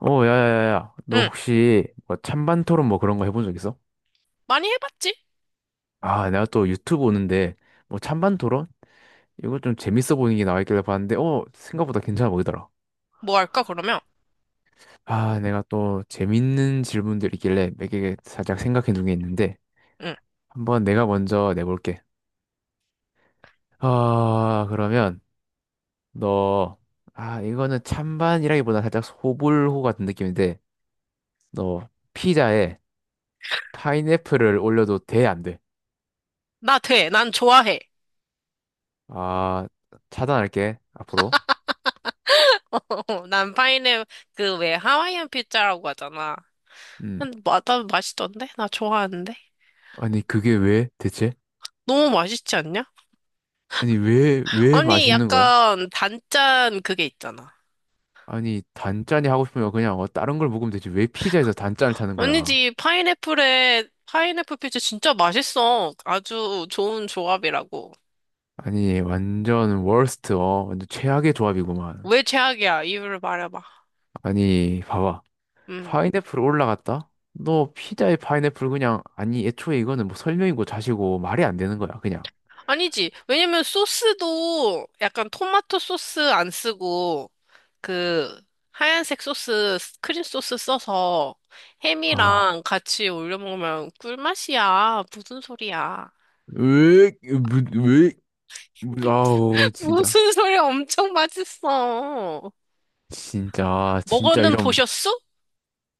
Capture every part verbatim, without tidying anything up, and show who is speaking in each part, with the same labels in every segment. Speaker 1: 어, 야야야야. 너
Speaker 2: 응,
Speaker 1: 혹시 뭐 찬반 토론 뭐 그런 거 해본 적 있어?
Speaker 2: 많이 해봤지?
Speaker 1: 아, 내가 또 유튜브 오는데 뭐 찬반 토론? 이거 좀 재밌어 보이는 게 나와 있길래 봤는데 어, 생각보다 괜찮아 보이더라.
Speaker 2: 뭐 할까, 그러면?
Speaker 1: 아, 내가 또 재밌는 질문들 있길래 몇 개 살짝 생각해 둔 게 있는데
Speaker 2: 응,
Speaker 1: 한번 내가 먼저 내볼게. 아, 그러면 너 아, 이거는 찬반이라기보다 살짝 소불호 같은 느낌인데 너 피자에 파인애플을 올려도 돼, 안 돼?
Speaker 2: 나 돼. 난 좋아해.
Speaker 1: 아, 차단할게. 앞으로.
Speaker 2: 난 파인애플, 그 왜 하와이안 피자라고 하잖아.
Speaker 1: 음.
Speaker 2: 근데 마, 나 맛있던데? 나 좋아하는데?
Speaker 1: 아니, 그게 왜 대체?
Speaker 2: 너무 맛있지 않냐?
Speaker 1: 아니, 왜, 왜
Speaker 2: 아니,
Speaker 1: 맛있는 거야?
Speaker 2: 약간 단짠 그게 있잖아.
Speaker 1: 아니, 단짠이 하고 싶으면 그냥 어, 다른 걸 먹으면 되지. 왜 피자에서 단짠을 찾는 거야?
Speaker 2: 아니지, 파인애플에, 파인애플 피자 진짜 맛있어. 아주 좋은 조합이라고.
Speaker 1: 아니, 완전 워스트, 어, 완전 최악의 조합이구만.
Speaker 2: 왜 최악이야? 이유를 말해봐.
Speaker 1: 아니, 봐봐.
Speaker 2: 응.
Speaker 1: 파인애플 올라갔다? 너 피자에 파인애플 그냥, 아니, 애초에 이거는 뭐 설명이고 자시고 말이 안 되는 거야, 그냥.
Speaker 2: 아니지. 왜냐면 소스도 약간 토마토 소스 안 쓰고 그 하얀색 소스, 크림 소스 써서
Speaker 1: 아,
Speaker 2: 햄이랑 같이 올려 먹으면 꿀맛이야. 무슨 소리야?
Speaker 1: 왜, 왜, 왜, 아우, 진짜.
Speaker 2: 무슨 소리야? 엄청 맛있어.
Speaker 1: 진짜, 진짜
Speaker 2: 먹어는
Speaker 1: 이런
Speaker 2: 보셨어?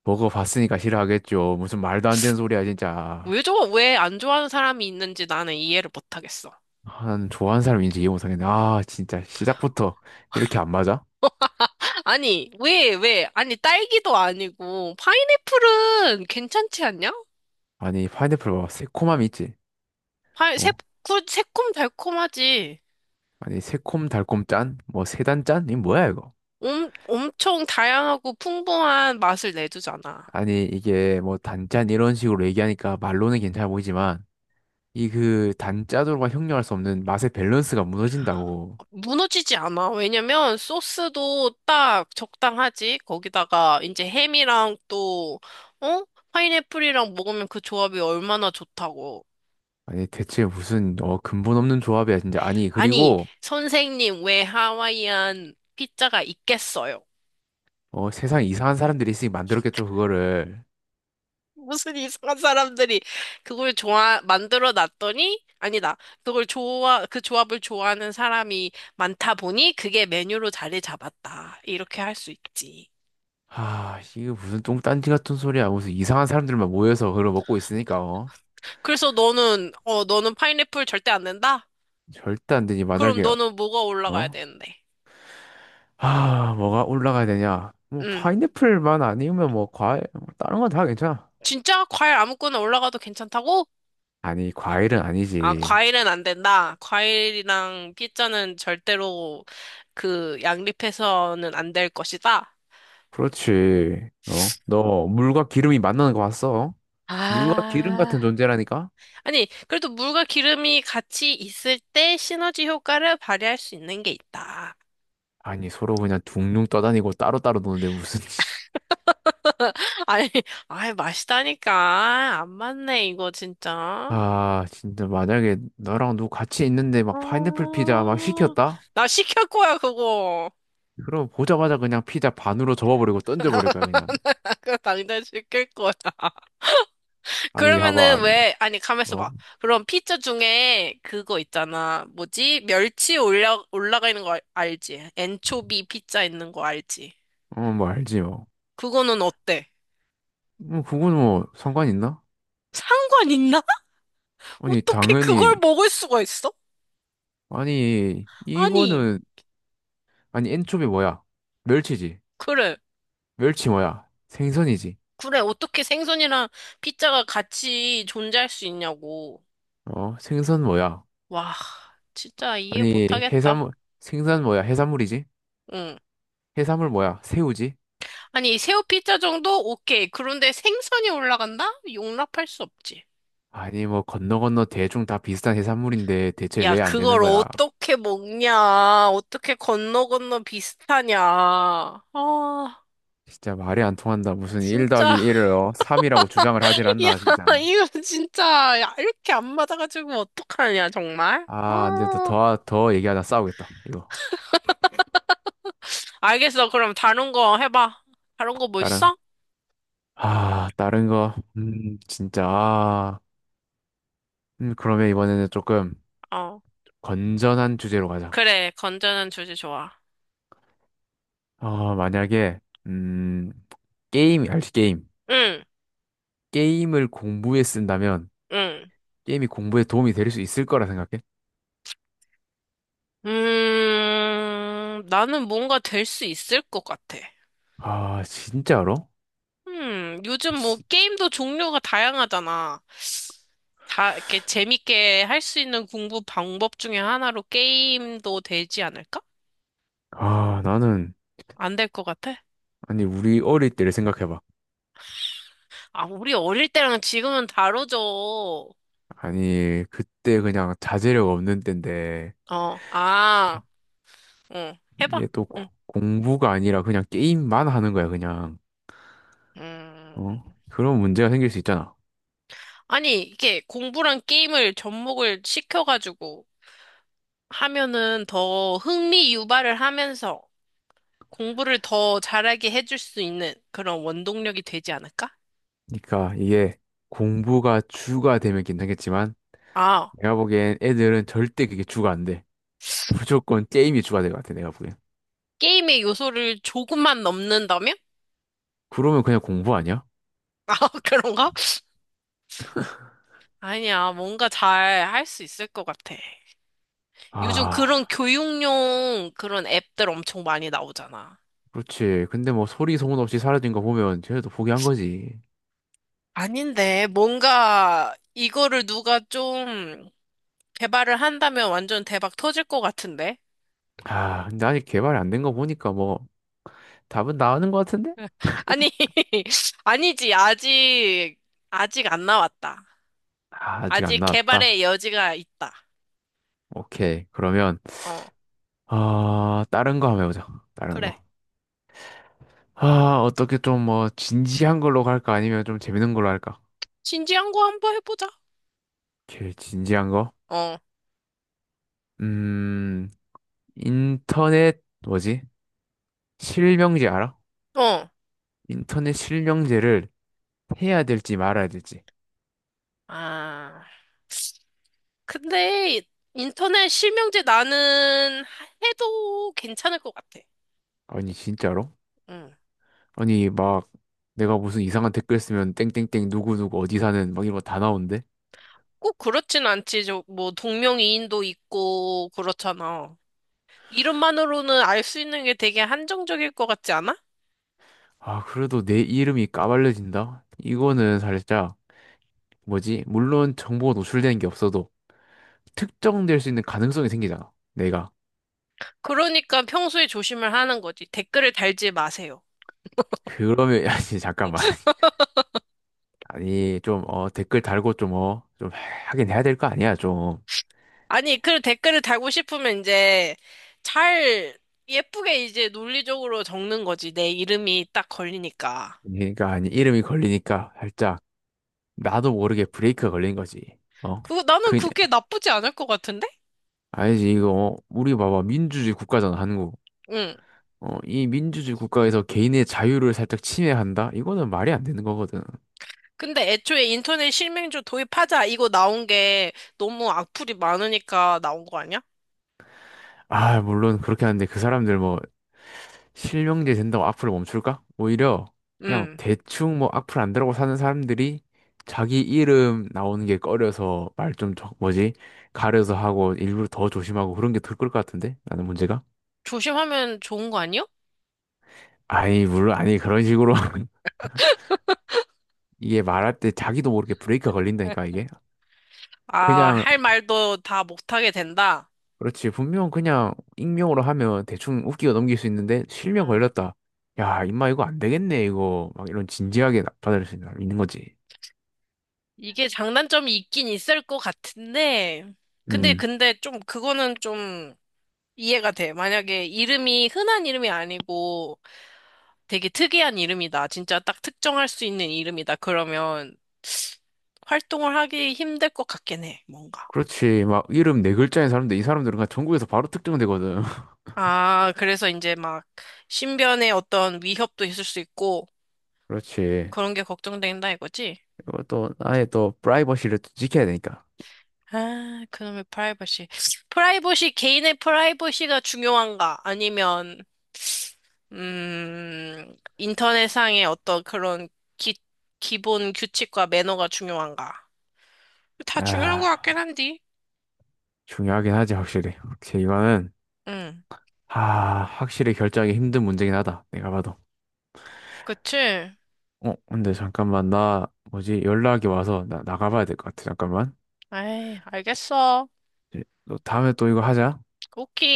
Speaker 1: 먹어봤으니까 싫어하겠죠. 무슨 말도 안 되는 소리야, 진짜.
Speaker 2: 왜 저거 왜 안 좋아하는 사람이 있는지 나는 이해를 못하겠어.
Speaker 1: 한 좋아하는 사람인지 이해 못하겠네. 아 진짜 시작부터 이렇게 안 맞아?
Speaker 2: 아니, 왜, 왜? 아니, 딸기도 아니고 파인애플은 괜찮지 않냐?
Speaker 1: 아니 파인애플 봐봐 새콤함이 있지.
Speaker 2: 파
Speaker 1: 어?
Speaker 2: 새콤, 새콤달콤하지.
Speaker 1: 아니 새콤 달콤 짠? 뭐 세단 짠? 이 뭐야 이거?
Speaker 2: 엄, 엄청 다양하고 풍부한 맛을 내주잖아.
Speaker 1: 아니 이게 뭐 단짠 이런 식으로 얘기하니까 말로는 괜찮아 보이지만 이 그 단짜조로가 형용할 수 없는 맛의 밸런스가 무너진다고.
Speaker 2: 무너지지 않아. 왜냐면 소스도 딱 적당하지. 거기다가 이제 햄이랑 또, 어? 파인애플이랑 먹으면 그 조합이 얼마나 좋다고.
Speaker 1: 아니 대체 무슨 어 근본 없는 조합이야 진짜. 아니
Speaker 2: 아니,
Speaker 1: 그리고
Speaker 2: 선생님, 왜 하와이안 피자가 있겠어요?
Speaker 1: 어 세상 이상한 사람들이 있으니 만들었겠죠 그거를.
Speaker 2: 무슨 이상한 사람들이 그걸 좋아, 만들어 놨더니, 아니다. 그걸 좋아, 그 조합을 좋아하는 사람이 많다 보니 그게 메뉴로 자리 잡았다. 이렇게 할 수 있지.
Speaker 1: 하, 이게 무슨 똥딴지 같은 소리야. 무슨 이상한 사람들만 모여서 그걸 먹고 있으니까, 어.
Speaker 2: 그래서 너는, 어, 너는 파인애플 절대 안 된다?
Speaker 1: 절대 안 되지.
Speaker 2: 그럼
Speaker 1: 만약에
Speaker 2: 너는 뭐가 올라가야
Speaker 1: 어?
Speaker 2: 되는데?
Speaker 1: 아, 뭐가 올라가야 되냐? 뭐
Speaker 2: 음.
Speaker 1: 파인애플만 아니면 뭐 과일 뭐 다른 건 다 괜찮아.
Speaker 2: 진짜? 과일 아무거나 올라가도 괜찮다고?
Speaker 1: 아니, 과일은
Speaker 2: 아,
Speaker 1: 아니지.
Speaker 2: 과일은 안 된다. 과일이랑 피자는 절대로 그 양립해서는 안 될 것이다.
Speaker 1: 그렇지. 어? 너 물과 기름이 만나는 거 봤어? 물과 기름
Speaker 2: 아.
Speaker 1: 같은 존재라니까?
Speaker 2: 아니, 그래도 물과 기름이 같이 있을 때 시너지 효과를 발휘할 수 있는 게 있다.
Speaker 1: 아니, 서로 그냥 둥둥 떠다니고 따로따로 노는데 무슨
Speaker 2: 아니, 아이, 맛있다니까. 안 맞네, 이거 진짜.
Speaker 1: 아, 진짜 만약에 너랑 누구 같이 있는데 막 파인애플 피자 막
Speaker 2: 어,
Speaker 1: 시켰다?
Speaker 2: 나 시킬 거야, 그거.
Speaker 1: 그럼 보자마자 그냥 피자 반으로 접어버리고
Speaker 2: 나
Speaker 1: 던져버릴 거야, 그냥.
Speaker 2: 그거 당장 시킬 거야.
Speaker 1: 아니, 봐봐,
Speaker 2: 그러면은
Speaker 1: 아니,
Speaker 2: 왜, 아니, 가만있어
Speaker 1: 어?
Speaker 2: 봐. 그럼 피자 중에 그거 있잖아. 뭐지? 멸치 올라, 올라가 있는 거 알- 알지? 엔초비 피자 있는 거 알지?
Speaker 1: 어, 뭐 알지, 뭐.
Speaker 2: 그거는 어때?
Speaker 1: 뭐 그건 뭐 상관 있나?
Speaker 2: 상관 있나?
Speaker 1: 아니
Speaker 2: 어떻게 그걸
Speaker 1: 당연히
Speaker 2: 먹을 수가 있어?
Speaker 1: 아니
Speaker 2: 아니,
Speaker 1: 이거는 아니 엔초비 뭐야? 멸치지.
Speaker 2: 그래.
Speaker 1: 멸치 뭐야? 생선이지.
Speaker 2: 그래. 어떻게 생선이랑 피자가 같이 존재할 수 있냐고.
Speaker 1: 어 생선 뭐야?
Speaker 2: 와, 진짜 이해
Speaker 1: 아니
Speaker 2: 못하겠다.
Speaker 1: 해산물 생선 뭐야? 해산물이지.
Speaker 2: 응.
Speaker 1: 해산물 뭐야? 새우지.
Speaker 2: 아니, 새우 피자 정도? 오케이. 그런데 생선이 올라간다? 용납할 수 없지.
Speaker 1: 아니 뭐 건너 건너 대충 다 비슷한 해산물인데 대체
Speaker 2: 야,
Speaker 1: 왜 안 되는
Speaker 2: 그걸
Speaker 1: 거야?
Speaker 2: 어떻게 먹냐? 어떻게 건너 건너 비슷하냐? 아,
Speaker 1: 진짜 말이 안 통한다. 무슨 일 더하기
Speaker 2: 진짜.
Speaker 1: 일을 어? 삼이라고 주장을 하질 않나
Speaker 2: 야,
Speaker 1: 진짜.
Speaker 2: 이거 진짜. 야, 이렇게 안 맞아가지고 어떡하냐, 정말?
Speaker 1: 아, 근데
Speaker 2: 아.
Speaker 1: 더더 얘기하다 싸우겠다. 이거.
Speaker 2: 알겠어. 그럼 다른 거 해봐. 다른 거 뭐
Speaker 1: 나랑
Speaker 2: 있어?
Speaker 1: 아, 다른 거, 음, 진짜, 아, 음, 그러면 이번에는 조금
Speaker 2: 어.
Speaker 1: 건전한 주제로 가자.
Speaker 2: 그래. 건전한 주제 좋아.
Speaker 1: 아, 만약에, 음, 게임, 알지, 게임.
Speaker 2: 응,
Speaker 1: 게임을 공부에 쓴다면,
Speaker 2: 응.
Speaker 1: 게임이 공부에 도움이 될 수 있을 거라 생각해?
Speaker 2: 음, 나는 뭔가 될 수 있을 것 같아.
Speaker 1: 아, 진짜로?
Speaker 2: 음, 요즘 뭐
Speaker 1: 지-
Speaker 2: 게임도 종류가 다양하잖아. 다 이렇게 재밌게 할 수 있는 공부 방법 중에 하나로 게임도 되지 않을까?
Speaker 1: 아, 나는,
Speaker 2: 안 될 것 같아?
Speaker 1: 아니, 우리 어릴 때를 생각해봐.
Speaker 2: 아, 우리 어릴 때랑 지금은 다르죠. 어,
Speaker 1: 아니, 그때 그냥 자제력 없는 때인데,
Speaker 2: 아, 응, 해봐.
Speaker 1: 이게 또 고-
Speaker 2: 응.
Speaker 1: 공부가 아니라 그냥 게임만 하는 거야, 그냥. 어?
Speaker 2: 음.
Speaker 1: 그런 문제가 생길 수 있잖아.
Speaker 2: 아니, 이게 공부랑 게임을 접목을 시켜가지고 하면은 더 흥미 유발을 하면서 공부를 더 잘하게 해줄 수 있는 그런 원동력이 되지 않을까?
Speaker 1: 그러니까 이게 공부가 주가 되면 괜찮겠지만
Speaker 2: 아,
Speaker 1: 내가 보기엔 애들은 절대 그게 주가 안 돼. 무조건 게임이 주가 될 것 같아, 내가 보기엔.
Speaker 2: 게임의 요소를 조금만 넘는다면?
Speaker 1: 그러면 그냥 공부 아니야?
Speaker 2: 아, 그런가? 아니야, 뭔가 잘 할 수 있을 것 같아. 요즘 그런
Speaker 1: 아,
Speaker 2: 교육용 그런 앱들 엄청 많이 나오잖아.
Speaker 1: 그렇지. 근데 뭐 소리 소문 없이 사라진 거 보면 쟤네도 포기한 거지.
Speaker 2: 아닌데, 뭔가 이거를 누가 좀 개발을 한다면 완전 대박 터질 것 같은데?
Speaker 1: 아, 근데 아직 개발이 안 된 거 보니까 뭐 답은 나오는 것 같은데?
Speaker 2: 아니, 아니지. 아직, 아직 안 나왔다.
Speaker 1: 아, 아직 안
Speaker 2: 아직
Speaker 1: 나왔다.
Speaker 2: 개발의 여지가 있다.
Speaker 1: 오케이. 그러면
Speaker 2: 어,
Speaker 1: 아, 다른 거 한번 해보자. 다른
Speaker 2: 그래.
Speaker 1: 거. 아, 어떻게 좀 뭐 진지한 걸로 갈까? 아니면 좀 재밌는 걸로 할까?
Speaker 2: 진지한 거 한번 해보자.
Speaker 1: 오케이, 진지한 거.
Speaker 2: 어,
Speaker 1: 음, 인터넷, 뭐지? 실명제 알아?
Speaker 2: 어.
Speaker 1: 인터넷 실명제를 해야 될지 말아야 될지.
Speaker 2: 아, 근데 인터넷 실명제 나는 해도 괜찮을 것 같아.
Speaker 1: 아니, 진짜로?
Speaker 2: 응.
Speaker 1: 아니, 막, 내가 무슨 이상한 댓글 쓰면 땡땡땡 누구누구 어디 사는 막 이런 거 다 나오는데?
Speaker 2: 꼭 그렇진 않지. 저, 뭐, 동명이인도 있고, 그렇잖아. 이름만으로는 알 수 있는 게 되게 한정적일 것 같지 않아?
Speaker 1: 아, 그래도 내 이름이 까발려진다? 이거는 살짝, 뭐지? 물론 정보가 노출되는 게 없어도 특정될 수 있는 가능성이 생기잖아. 내가.
Speaker 2: 그러니까 평소에 조심을 하는 거지. 댓글을 달지 마세요.
Speaker 1: 그러면, 아니, 잠깐만. 아니, 좀, 어, 댓글 달고 좀, 어, 좀 하긴 해야 될 거 아니야, 좀.
Speaker 2: 아니, 그 댓글을 달고 싶으면 이제 잘 예쁘게 이제 논리적으로 적는 거지. 내 이름이 딱 걸리니까.
Speaker 1: 그러니까 아니 이름이 걸리니까 살짝 나도 모르게 브레이크가 걸린 거지. 어?
Speaker 2: 그 나는
Speaker 1: 그냥
Speaker 2: 그게 나쁘지 않을 것 같은데?
Speaker 1: 알지 이거 어, 우리 봐봐 민주주의 국가잖아 한국.
Speaker 2: 응.
Speaker 1: 어, 이 민주주의 국가에서 개인의 자유를 살짝 침해한다? 이거는 말이 안 되는 거거든.
Speaker 2: 근데 애초에 인터넷 실명조 도입하자 이거 나온 게 너무 악플이 많으니까 나온 거 아니야?
Speaker 1: 아, 물론 그렇게 하는데 그 사람들 뭐 실명제 된다고 악플을 멈출까? 오히려 그냥
Speaker 2: 응.
Speaker 1: 대충 뭐 악플 안 달고 사는 사람들이 자기 이름 나오는 게 꺼려서 말 좀 뭐지? 가려서 하고 일부러 더 조심하고 그런 게 더 클 것 같은데? 나는 문제가?
Speaker 2: 조심하면 좋은 거 아니요?
Speaker 1: 아니, 물론, 아니, 그런 식으로. 이게 말할 때 자기도 모르게 브레이크가 걸린다니까, 이게.
Speaker 2: 아,
Speaker 1: 그냥,
Speaker 2: 할 말도 다 못하게 된다.
Speaker 1: 그렇지. 분명 그냥 익명으로 하면 대충 웃기고 넘길 수 있는데, 실명
Speaker 2: 응.
Speaker 1: 걸렸다. 야, 임마, 이거 안 되겠네, 이거. 막 이런 진지하게 받아들일 수 있는 있는 거지.
Speaker 2: 이게 장단점이 있긴 있을 것 같은데, 근데,
Speaker 1: 음.
Speaker 2: 근데 좀, 그거는 좀 이해가 돼. 만약에 이름이 흔한 이름이 아니고 되게 특이한 이름이다. 진짜 딱 특정할 수 있는 이름이다. 그러면 활동을 하기 힘들 것 같긴 해, 뭔가.
Speaker 1: 그렇지. 막 이름 네 글자인 사람들, 이 사람들은 그냥 전국에서 바로 특정되거든.
Speaker 2: 아, 그래서 이제 막 신변에 어떤 위협도 있을 수 있고
Speaker 1: 그렇지.
Speaker 2: 그런 게 걱정된다 이거지?
Speaker 1: 이것도 아예 또 프라이버시를 또 지켜야 되니까.
Speaker 2: 아, 그놈의 프라이버시. 프라이버시, 개인의 프라이버시가 중요한가? 아니면, 음, 인터넷상의 어떤 그런 기, 기본 규칙과 매너가 중요한가? 다 중요한 것
Speaker 1: 아,
Speaker 2: 같긴 한디.
Speaker 1: 중요하긴 하지, 확실히. 오케이, 이거는,
Speaker 2: 응,
Speaker 1: 아, 확실히 결정하기 힘든 문제긴 하다. 내가 봐도.
Speaker 2: 그치?
Speaker 1: 어, 근데 잠깐만, 나, 뭐지, 연락이 와서 나, 나가봐야 될 것 같아, 잠깐만.
Speaker 2: 에이, 알겠어.
Speaker 1: 이제 너 다음에 또 이거 하자.
Speaker 2: 오키.